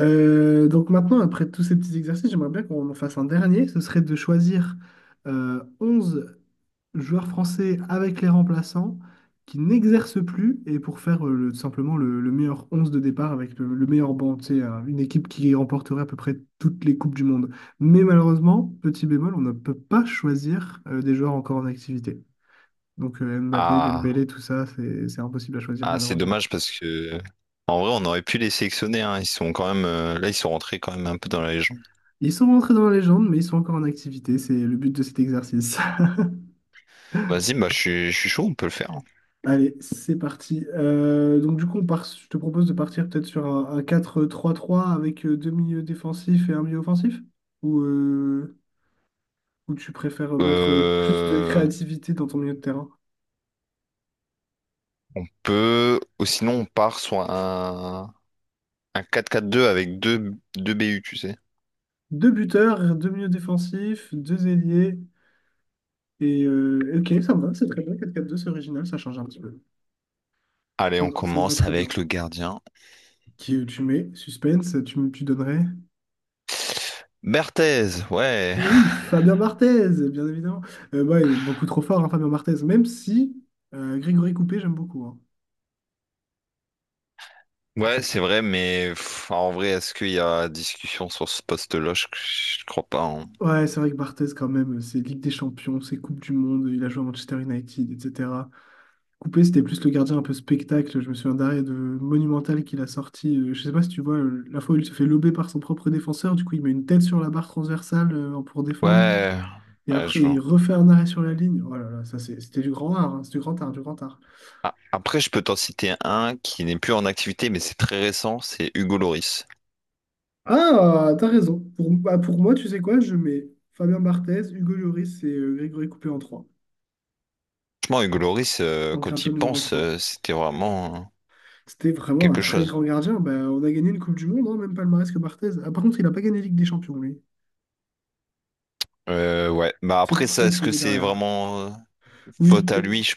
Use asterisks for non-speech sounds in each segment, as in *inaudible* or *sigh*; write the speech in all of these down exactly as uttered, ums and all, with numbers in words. Euh, donc maintenant, après tous ces petits exercices, j'aimerais bien qu'on en fasse un dernier. Ce serait de choisir euh, onze joueurs français avec les remplaçants qui n'exercent plus et pour faire euh, le- tout simplement le, le meilleur onze de départ avec le, le meilleur banc. C'est une équipe qui remporterait à peu près toutes les Coupes du Monde. Mais malheureusement, petit bémol, on ne peut pas choisir euh, des joueurs encore en activité. Donc euh, Mbappé, Ah, Dembélé, tout ça, c'est c'est impossible à choisir ah, c'est malheureusement. dommage parce que en vrai on aurait pu les sélectionner hein. Ils sont quand même euh, là ils sont rentrés quand même un peu dans la légende. Ils sont rentrés dans la légende, mais ils sont encore en activité. C'est le but de cet exercice. Vas-y, bah je suis je suis chaud, on peut le faire, hein. Allez, c'est parti. Euh, donc du coup, on part, je te propose de partir peut-être sur un, un quatre trois 3 avec euh, deux milieux défensifs et un milieu offensif? Ou, euh, ou tu préfères mettre euh, plus de Euh, créativité dans ton milieu de terrain? on peut ou sinon on part sur un un quatre quatre deux avec deux deux B U, tu sais. Deux buteurs, deux milieux défensifs, deux ailiers. Et euh, ok, ça me va, c'est très bien. Quatre quatre deux, c'est original, ça change un petit peu. Allez, Ça, on me ça me va commence très bien. avec le gardien. Qui, tu mets suspense, tu, me- tu donnerais? Berthez, ouais. Et oui, Fabien Barthez, bien évidemment. Euh, ouais, il est beaucoup trop fort, hein, Fabien Barthez, même si euh, Grégory Coupé, j'aime beaucoup. Hein. Ouais, c'est vrai, mais pff, en vrai, est-ce qu'il y a discussion sur ce poste-là? Je, je crois pas, hein. Ouais, c'est vrai que Barthez, quand même, c'est Ligue des Champions, c'est Coupe du Monde, il a joué à Manchester United, et cetera. Coupé, c'était plus le gardien un peu spectacle. Je me souviens d'arrêt de Monumental qu'il a sorti. Euh, je sais pas si tu vois, euh, la fois où il se fait lober par son propre défenseur, du coup, il met une tête sur la barre transversale euh, pour défendre, Ouais, et ouais, je après, vois. il refait un arrêt sur la ligne. Oh là là, ça, c'est- c'était du grand art, hein, c'est du grand art, du grand art. Ah, après, je peux t'en citer un qui n'est plus en activité, mais c'est très récent, c'est Hugo Loris. Ah, t'as raison. Pour, bah, pour moi, tu sais quoi, je mets Fabien Barthez, Hugo Lloris et euh, Grégory Coupé en trois, Franchement, Hugo Loris, euh, en quand gardien il numéro pense, trois. euh, c'était vraiment euh, C'était vraiment un quelque très chose. grand gardien. Bah, on a gagné une Coupe du Monde, hein, même palmarès que Barthez. Ah, par contre, il n'a pas gagné Ligue des Champions, lui. Euh, ouais, bah C'est après pour ça ça, que je est-ce le que mets c'est derrière. vraiment euh, Oui, faute à peu- lui? Je-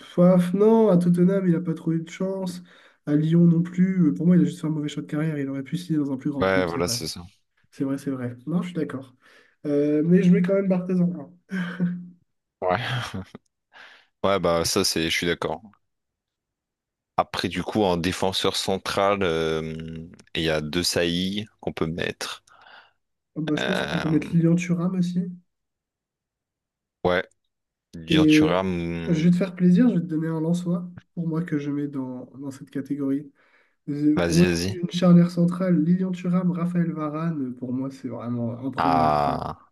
Faf, non, à Tottenham, il n'a pas trop eu de chance. À Lyon non plus. Euh, Pour moi, il a juste fait un mauvais choix de carrière. Il aurait pu signer dans un plus grand Ouais, club, c'est voilà, vrai. c'est ça. C'est vrai, c'est vrai. Non, je suis d'accord. Euh, mais je mets quand même Barthez en un. Ouais. Ouais, bah ça, c'est, je suis d'accord. Après, du coup, en défenseur central, euh, il y a deux saillies qu'on peut mettre. Ah, bah, je pense qu'on peut mettre Euh, Lilian Thuram aussi. ouais, Dur Et Thuram, euh, je vais te hum, faire plaisir, je vais te donner un Lensois pour moi que je mets dans, dans cette catégorie. Euh, Pour moi, vas-y, vas-y. une charnière centrale, Lilian Thuram, Raphaël Varane, pour moi, c'est vraiment imprenable, quoi. Ah,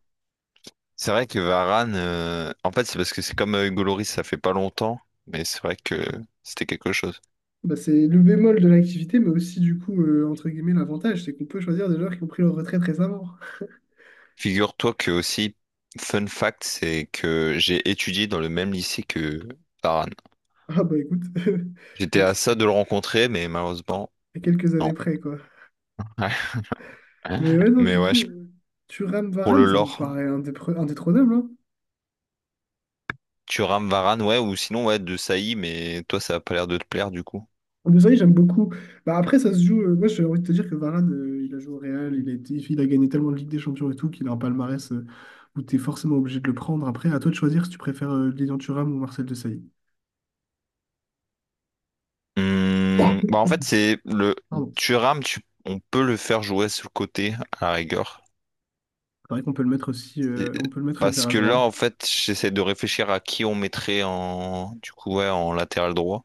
c'est vrai que Varane, euh, en fait, c'est parce que c'est comme euh, Hugo Lloris, ça fait pas longtemps, mais c'est vrai que c'était quelque chose. Bah, c'est le bémol de l'activité, mais aussi, du coup, euh, entre guillemets, l'avantage, c'est qu'on peut choisir des joueurs qui ont pris leur retraite récemment. *laughs* Figure-toi que aussi, fun fact, c'est que j'ai étudié dans le même lycée que Varane. Ah bah écoute, *laughs* J'étais à ex- ça de le rencontrer, mais malheureusement, à quelques années non. près, quoi. *laughs* Ouais. Mais ouais, non, Mais du ouais, je- coup, Thuram, pour le Varane, ça me lore, paraît indépre- indétrônable, hein. Thuram, Varane, ouais, ou sinon, ouais, de Saï, mais toi, ça a pas l'air de te plaire, du coup. Desailly, j'aime beaucoup. Bah, après, ça se joue. Euh, moi, j'ai envie de te dire que Varane, euh, il a joué au Real, il a été, il a gagné tellement de Ligue des Champions et tout qu'il a un palmarès euh, où tu es forcément obligé de le prendre. Après, à toi de choisir si tu préfères euh, Lilian Thuram ou Marcel Desailly. Hum, bah en fait, c'est le Pardon. Thuram, tu, on peut le faire jouer sur le côté à la rigueur. C'est vrai qu'on peut le mettre aussi, Et- euh, on peut le mettre Parce latéral que là, droit. en fait, j'essaie de réfléchir à qui on mettrait en, du coup, ouais, en latéral droit.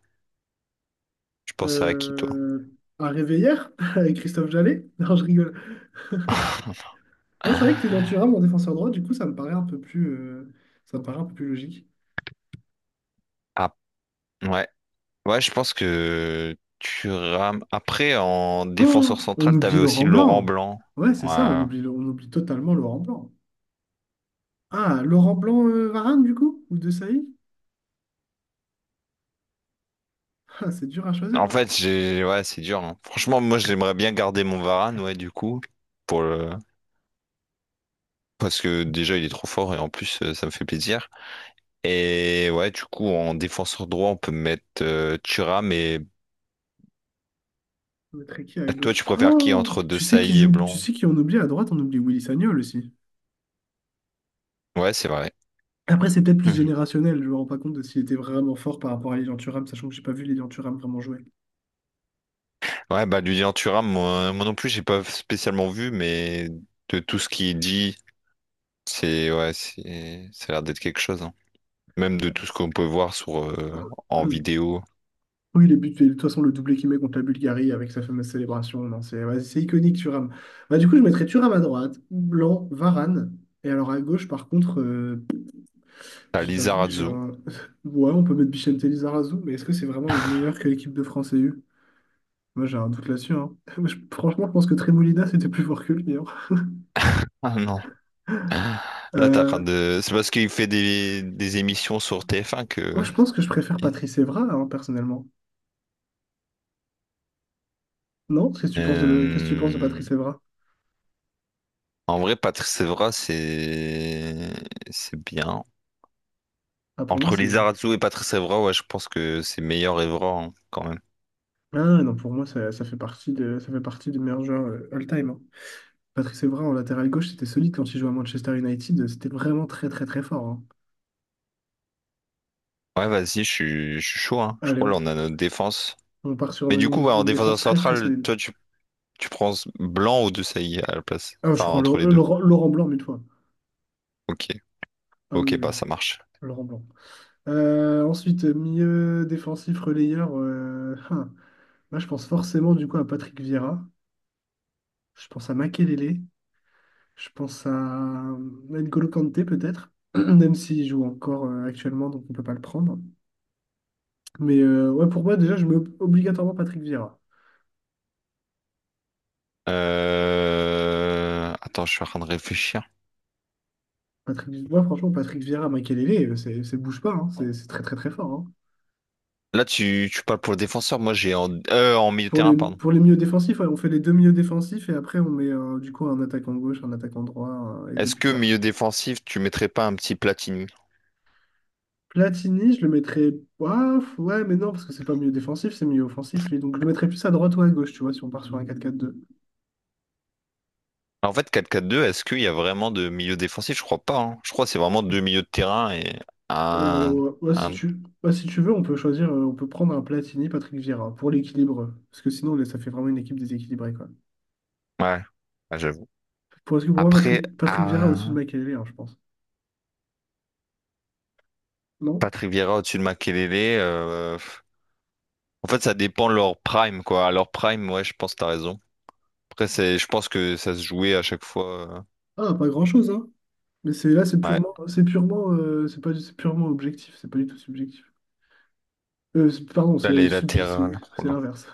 Je pense à qui, toi? Euh, à Réveillère, *laughs* avec Christophe Jallet. *laughs* Non, je rigole. *laughs* *laughs* Non, c'est vrai que Lilian Thuram en défenseur droit, du coup, ça me paraît un peu plus, euh, ça me paraît un peu plus logique. Ah, ouais. Ouais, je pense que Thuram. Après, en défenseur Oh, on central, oublie t'avais aussi Laurent Laurent Blanc. Blanc. Ouais, c'est ça, on Ouais. oublie, on oublie totalement Laurent Blanc. Ah, Laurent Blanc, euh, Varane, du coup? Ou De Sailly? Ah, c'est dur à choisir, En hein. fait, j'ai, ouais, c'est dur, hein. Franchement, moi, j'aimerais bien garder mon Varane, ouais, du coup, pour le. Parce que déjà il est trop fort et en plus euh, ça me fait plaisir. Et ouais, du coup en défenseur droit on peut mettre euh, Thuram mais On mettrait qui à toi gauche? tu préfères qui Oh! entre Tu sais qui Desailly et joue, tu Blanc? sais qui on oublie à droite, on oublie Willy Sagnol aussi. Ouais, c'est vrai. Après, c'est peut-être plus Mhm. générationnel, je me rends pas compte de s'il était vraiment fort par rapport à Lilian Thuram, sachant que j'ai pas vu Lilian Thuram vraiment jouer. *clears throat* Ouais, bah Lilian Thuram, moi, moi non plus j'ai pas spécialement vu, mais de tout ce qu'il dit, c'est ouais, c'est ça a l'air d'être quelque chose, hein. Même de tout ce qu'on peut voir sur euh, en Hum. vidéo. Oui, les buts, de toute façon, le doublé qu'il met contre la Bulgarie avec sa fameuse célébration, non, c'est ouais, c'est iconique, Thuram. Bah, du coup, je mettrais Thuram à droite, Blanc, Varane, et alors à gauche, par contre, euh, T'as je t'avoue que j'ai Lizarazu. un. *laughs* Ouais, on peut mettre Bichente Lizarazu, mais est-ce que c'est vraiment le meilleur que l'équipe de France ait eu? Moi, j'ai un doute là-dessus. Hein. *laughs* Moi, je- franchement, je pense que Tremolina, c'était plus fort que lui. Hein. Ah non. Là t'as rien Euh, de. C'est parce qu'il fait des, des émissions sur T F un Moi, que. je pense que je préfère Patrice Evra, hein, personnellement. Non? Qu'est-ce que tu penses de... Qu'est-ce que tu penses de Euh, Patrice Evra? En vrai, Patrice Evra, c'est c'est bien. Ah, pour moi, Entre c'est. Lizarazu et Patrice Evra, ouais, je pense que c'est meilleur Evra hein, quand même. Ah, ouais, non, pour moi, ça, ça fait partie de... ça fait partie des meilleurs joueurs euh, all-time. Hein. Patrice Evra, en latéral gauche, c'était solide quand il jouait à Manchester United. C'était vraiment très, très, très fort. Hein. Ouais, vas-y, je suis je suis chaud, hein. Je Allez, crois là, on... on a notre défense. on part sur Mais du coup, une... ouais, en une défenseur défense très, très central, solide. toi, tu, tu prends Blanc ou Desailly à la place. Ah, je Enfin, prends entre Lau- les euh, deux. Laurent Laurent Blanc mille fois. Ok, Ah oui, ok, oui, bah ça marche. Laurent Blanc. Euh, ensuite, milieu défensif relayeur. Euh, hein. Là, je pense forcément du coup à Patrick Vieira. Je pense à Makelele. Je pense à euh, N'Golo Kanté peut-être, *clears throat* même s'il joue encore euh, actuellement, donc on ne peut pas le prendre. Mais euh, ouais, pour moi, déjà, je mets ob- obligatoirement Patrick Vieira. Euh... Attends, je suis en train de réfléchir. Patrick, moi, franchement, Patrick Vieira, Makelele, euh, c'est c'est bouge pas. Hein. C'est c'est très, très, très fort. Hein. Là, tu, tu parles pour le défenseur. Moi, j'ai en... euh, en milieu de Pour terrain, les, pardon. pour les milieux défensifs, ouais, on fait les deux milieux défensifs et après, on met euh, du coup un attaquant gauche, un attaquant droit euh, et deux Est-ce que buteurs. milieu défensif, tu mettrais pas un petit Platini? Platini, je le mettrais. Ouah, ouais, mais non, parce que c'est pas milieu défensif, c'est milieu offensif, lui. Donc je le mettrais plus à droite ou à gauche, tu vois, si on part sur un quatre quatre deux. En fait, quatre quatre deux, est-ce qu'il y a vraiment de milieu défensif? Je crois pas, hein. Je crois que c'est vraiment deux milieux de terrain et un... Oh, ouais, si un... tu... ouais, si tu veux, on peut choisir, euh, on peut prendre un Platini, Patrick Vieira, pour l'équilibre. Parce que sinon, là, ça fait vraiment une équipe déséquilibrée, quoi. Ouais, Ouais, j'avoue. Pour, parce que pour moi, Après, Patrick, Patrick Vieira au-dessus de ah, Makelele, hein, je pense. Non? Patrick Vieira au-dessus de Makelele. euh, En fait, ça dépend de leur prime, quoi. À leur prime, ouais, je pense que t'as raison. Après, c'est... je pense que ça se jouait à chaque fois. euh, Ah, pas grand-chose, hein. Mais c'est là, c'est Ouais. purement, c'est purement, euh, c'est pas, c'est purement objectif, c'est pas du tout subjectif. Euh, c'est- pardon, Là, c'est les sub- c'est latérales. Oh c'est là. l'inverse.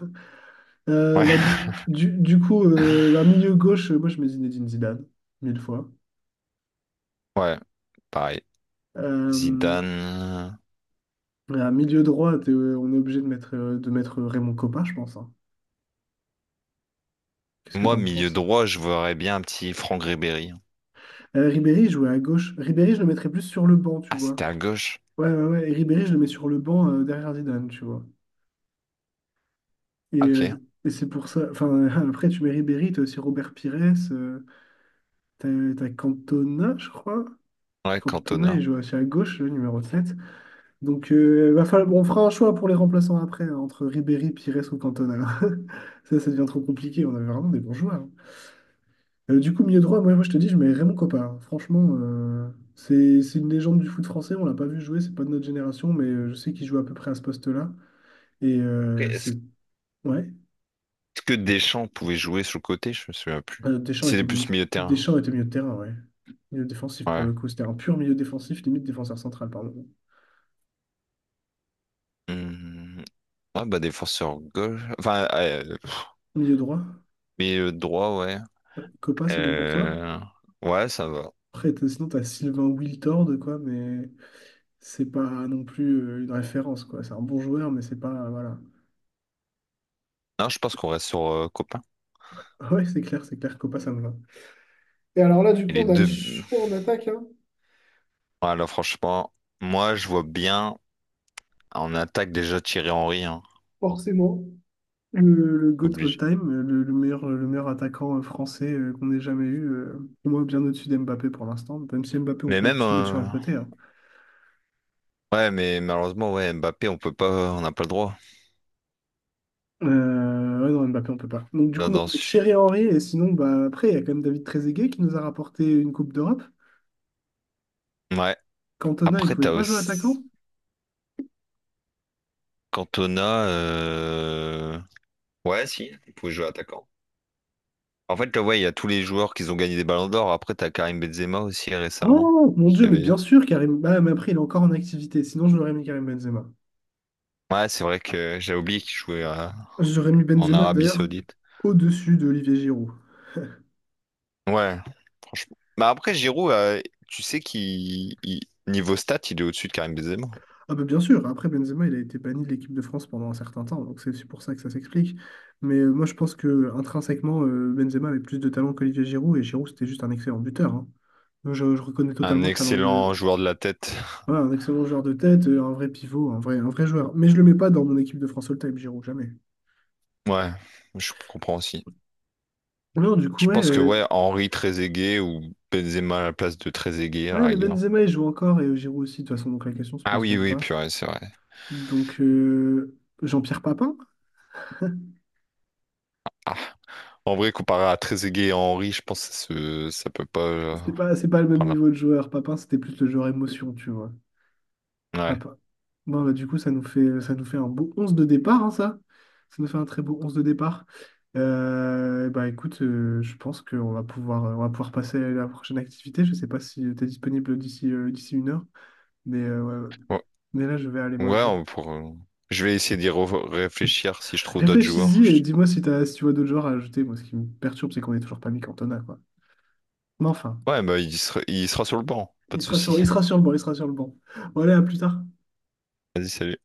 Euh, Ouais, bah, du, du, du coup, euh, bah, milieu gauche, euh, moi je mets Zinedine Zidane, mille fois. *laughs* ouais, pareil. Euh, Zidane. à milieu droit, t'es- euh, on est obligé de mettre, euh, de mettre Raymond Kopa, je pense. Hein. Qu'est-ce que Moi, t'en milieu penses? droit, je verrais bien un petit Franck Ribéry. Euh, Ribéry il jouait à gauche. Ribéry, je le mettrais plus sur le banc, tu Ah, vois. c'était à gauche. Ouais, ouais, ouais. Et Ribéry, je le mets sur le banc euh, derrière Zidane, tu vois. Et, Ah, ok. euh, et c'est pour ça. Enfin, *laughs* après, tu mets Ribéry, t'as aussi Robert Pires, euh, t'as, t'as Cantona, je crois. Ouais, Cantona, il Cantona. joue aussi à gauche, le numéro sept. Donc, euh, va falloir- bon, on fera un choix pour les remplaçants après, hein, entre Ribéry, Pires ou Cantona. *laughs* Ça, ça devient trop compliqué. On avait vraiment des bons joueurs. Hein. Euh, du coup, milieu droit, moi, moi, je te dis, je mets Raymond Kopa. Hein. Franchement, euh, c'est c'est une légende du foot français. On l'a pas vu jouer, c'est pas de notre génération, mais euh, je sais qu'il joue à peu près à ce poste-là. Et euh, Après, est-ce c'est. Ouais. que Deschamps pouvait jouer sur le côté? Je me souviens plus. Euh, Deschamps C'était était, mi- plus milieu de terrain. Deschamps était milieu de terrain, ouais. Milieu défensif pour Ouais. le coup. C'était un pur milieu défensif, limite défenseur central, pardon. Hmm. Ah bah défenseur gauche. Enfin, euh, Milieu droit. milieu droit, ouais. Euh, Kopa, c'est bon pour toi? Euh, Ouais, ça va. Après, t'as- sinon, t'as Sylvain Wiltord, quoi, mais. C'est pas non plus euh, une référence, quoi. C'est un bon joueur, mais c'est pas, voilà. Non, je pense qu'on reste sur euh, Copain. *laughs* Ouais, c'est clair, c'est clair, Copa, ça me va. Et alors là, du Et coup, les on a le deux. choix en attaque, hein, Voilà, franchement, moi je vois bien en attaque déjà Thierry Henry, hein. forcément. Le, le GOAT Obligé. all-time, le, le meilleur, le meilleur attaquant euh, français euh, qu'on ait jamais eu, euh, pour moi, bien au-dessus d'Mbappé pour l'instant. Même si Mbappé, on Mais pourrait même plus le mettre sur un euh, côté. Hein. ouais, mais malheureusement, ouais, Mbappé, on peut pas, on n'a pas le droit. Euh, ouais, non, Mbappé, on peut pas. Donc, du Là, coup, moi, dedans. je mets Thierry Henry, et sinon, bah, après, il y a quand même David Trezeguet qui nous a rapporté une Coupe d'Europe. Ouais. Cantona, il Après, pouvait t'as pas jouer attaquant. aussi. Cantona, euh, ouais, si, il pouvait jouer attaquant. En fait, là, ouais, il y a tous les joueurs qui ont gagné des ballons d'or. Après, t'as Karim Benzema aussi récemment, Oh mon qui Dieu, mais bien avait. sûr, Karim. Bah, mais après, il est encore en activité. Sinon, je l'aurais mis Karim Benzema. Ouais, c'est vrai que j'ai oublié qu'il jouait euh, J'aurais mis en Benzema Arabie d'ailleurs Saoudite. au-dessus d'Olivier Giroud. Ouais, franchement. Bah après, Giroud, euh, tu sais qu'il il- niveau stats, il est au-dessus de Karim Benzema. Ah bah bien sûr, après Benzema, il a été banni de l'équipe de France pendant un certain temps, donc c'est aussi pour ça que ça s'explique. Mais euh, moi, je pense que intrinsèquement, euh, Benzema avait plus de talent qu'Olivier Giroud, et Giroud, c'était juste un excellent buteur. Hein. Donc, Je, je reconnais Un totalement le talent excellent de... joueur de la tête. Voilà, un excellent joueur de tête, euh, un vrai pivot, un vrai, un vrai joueur. Mais je le mets pas dans mon équipe de France All-Time, Giroud, jamais. Ouais, je comprends aussi. Non, du coup, Je pense que ouais, ouais, Henri Trezeguet ou Benzema à la place de Trezeguet ah, à la mais rigueur. Benzema, il joue encore et euh, Giroud aussi, de toute façon, donc la question se Ah pose oui, même oui, pas. purée, c'est vrai. Donc, euh, Jean-Pierre Papin, Ah, en vrai, comparé à Trezeguet et Henry, je pense que ce- ça peut pas euh, c'est pas, c'est pas le même prendre niveau de joueur. Papin, c'était plus le joueur émotion, tu vois. la... Papin. Bon, bah, du coup, ça nous fait, ça nous fait un beau onze de départ, hein, ça. Ça nous fait un très beau onze de départ. Euh, bah, écoute, euh, je pense qu'on va pouvoir, on va pouvoir passer à la prochaine activité. Je sais pas si tu es disponible d'ici euh, d'ici une heure, mais, euh, ouais. Ouais. Ouais, Mais là, je vais aller ouais, ouais, manger. on pour... euh, je vais essayer d'y re- réfléchir si je trouve d'autres joueurs. Réfléchis-y et Je- dis-moi si t'as, si tu vois d'autres genres à ajouter. Moi, ce qui me perturbe, c'est qu'on est toujours pas mis Cantona, quoi. Mais enfin, Ouais, bah il sera, il sera sur le banc, pas il de sera sur, souci. il sera sur le banc, il sera sur le banc. Bon, allez, à plus tard. Vas-y, salut.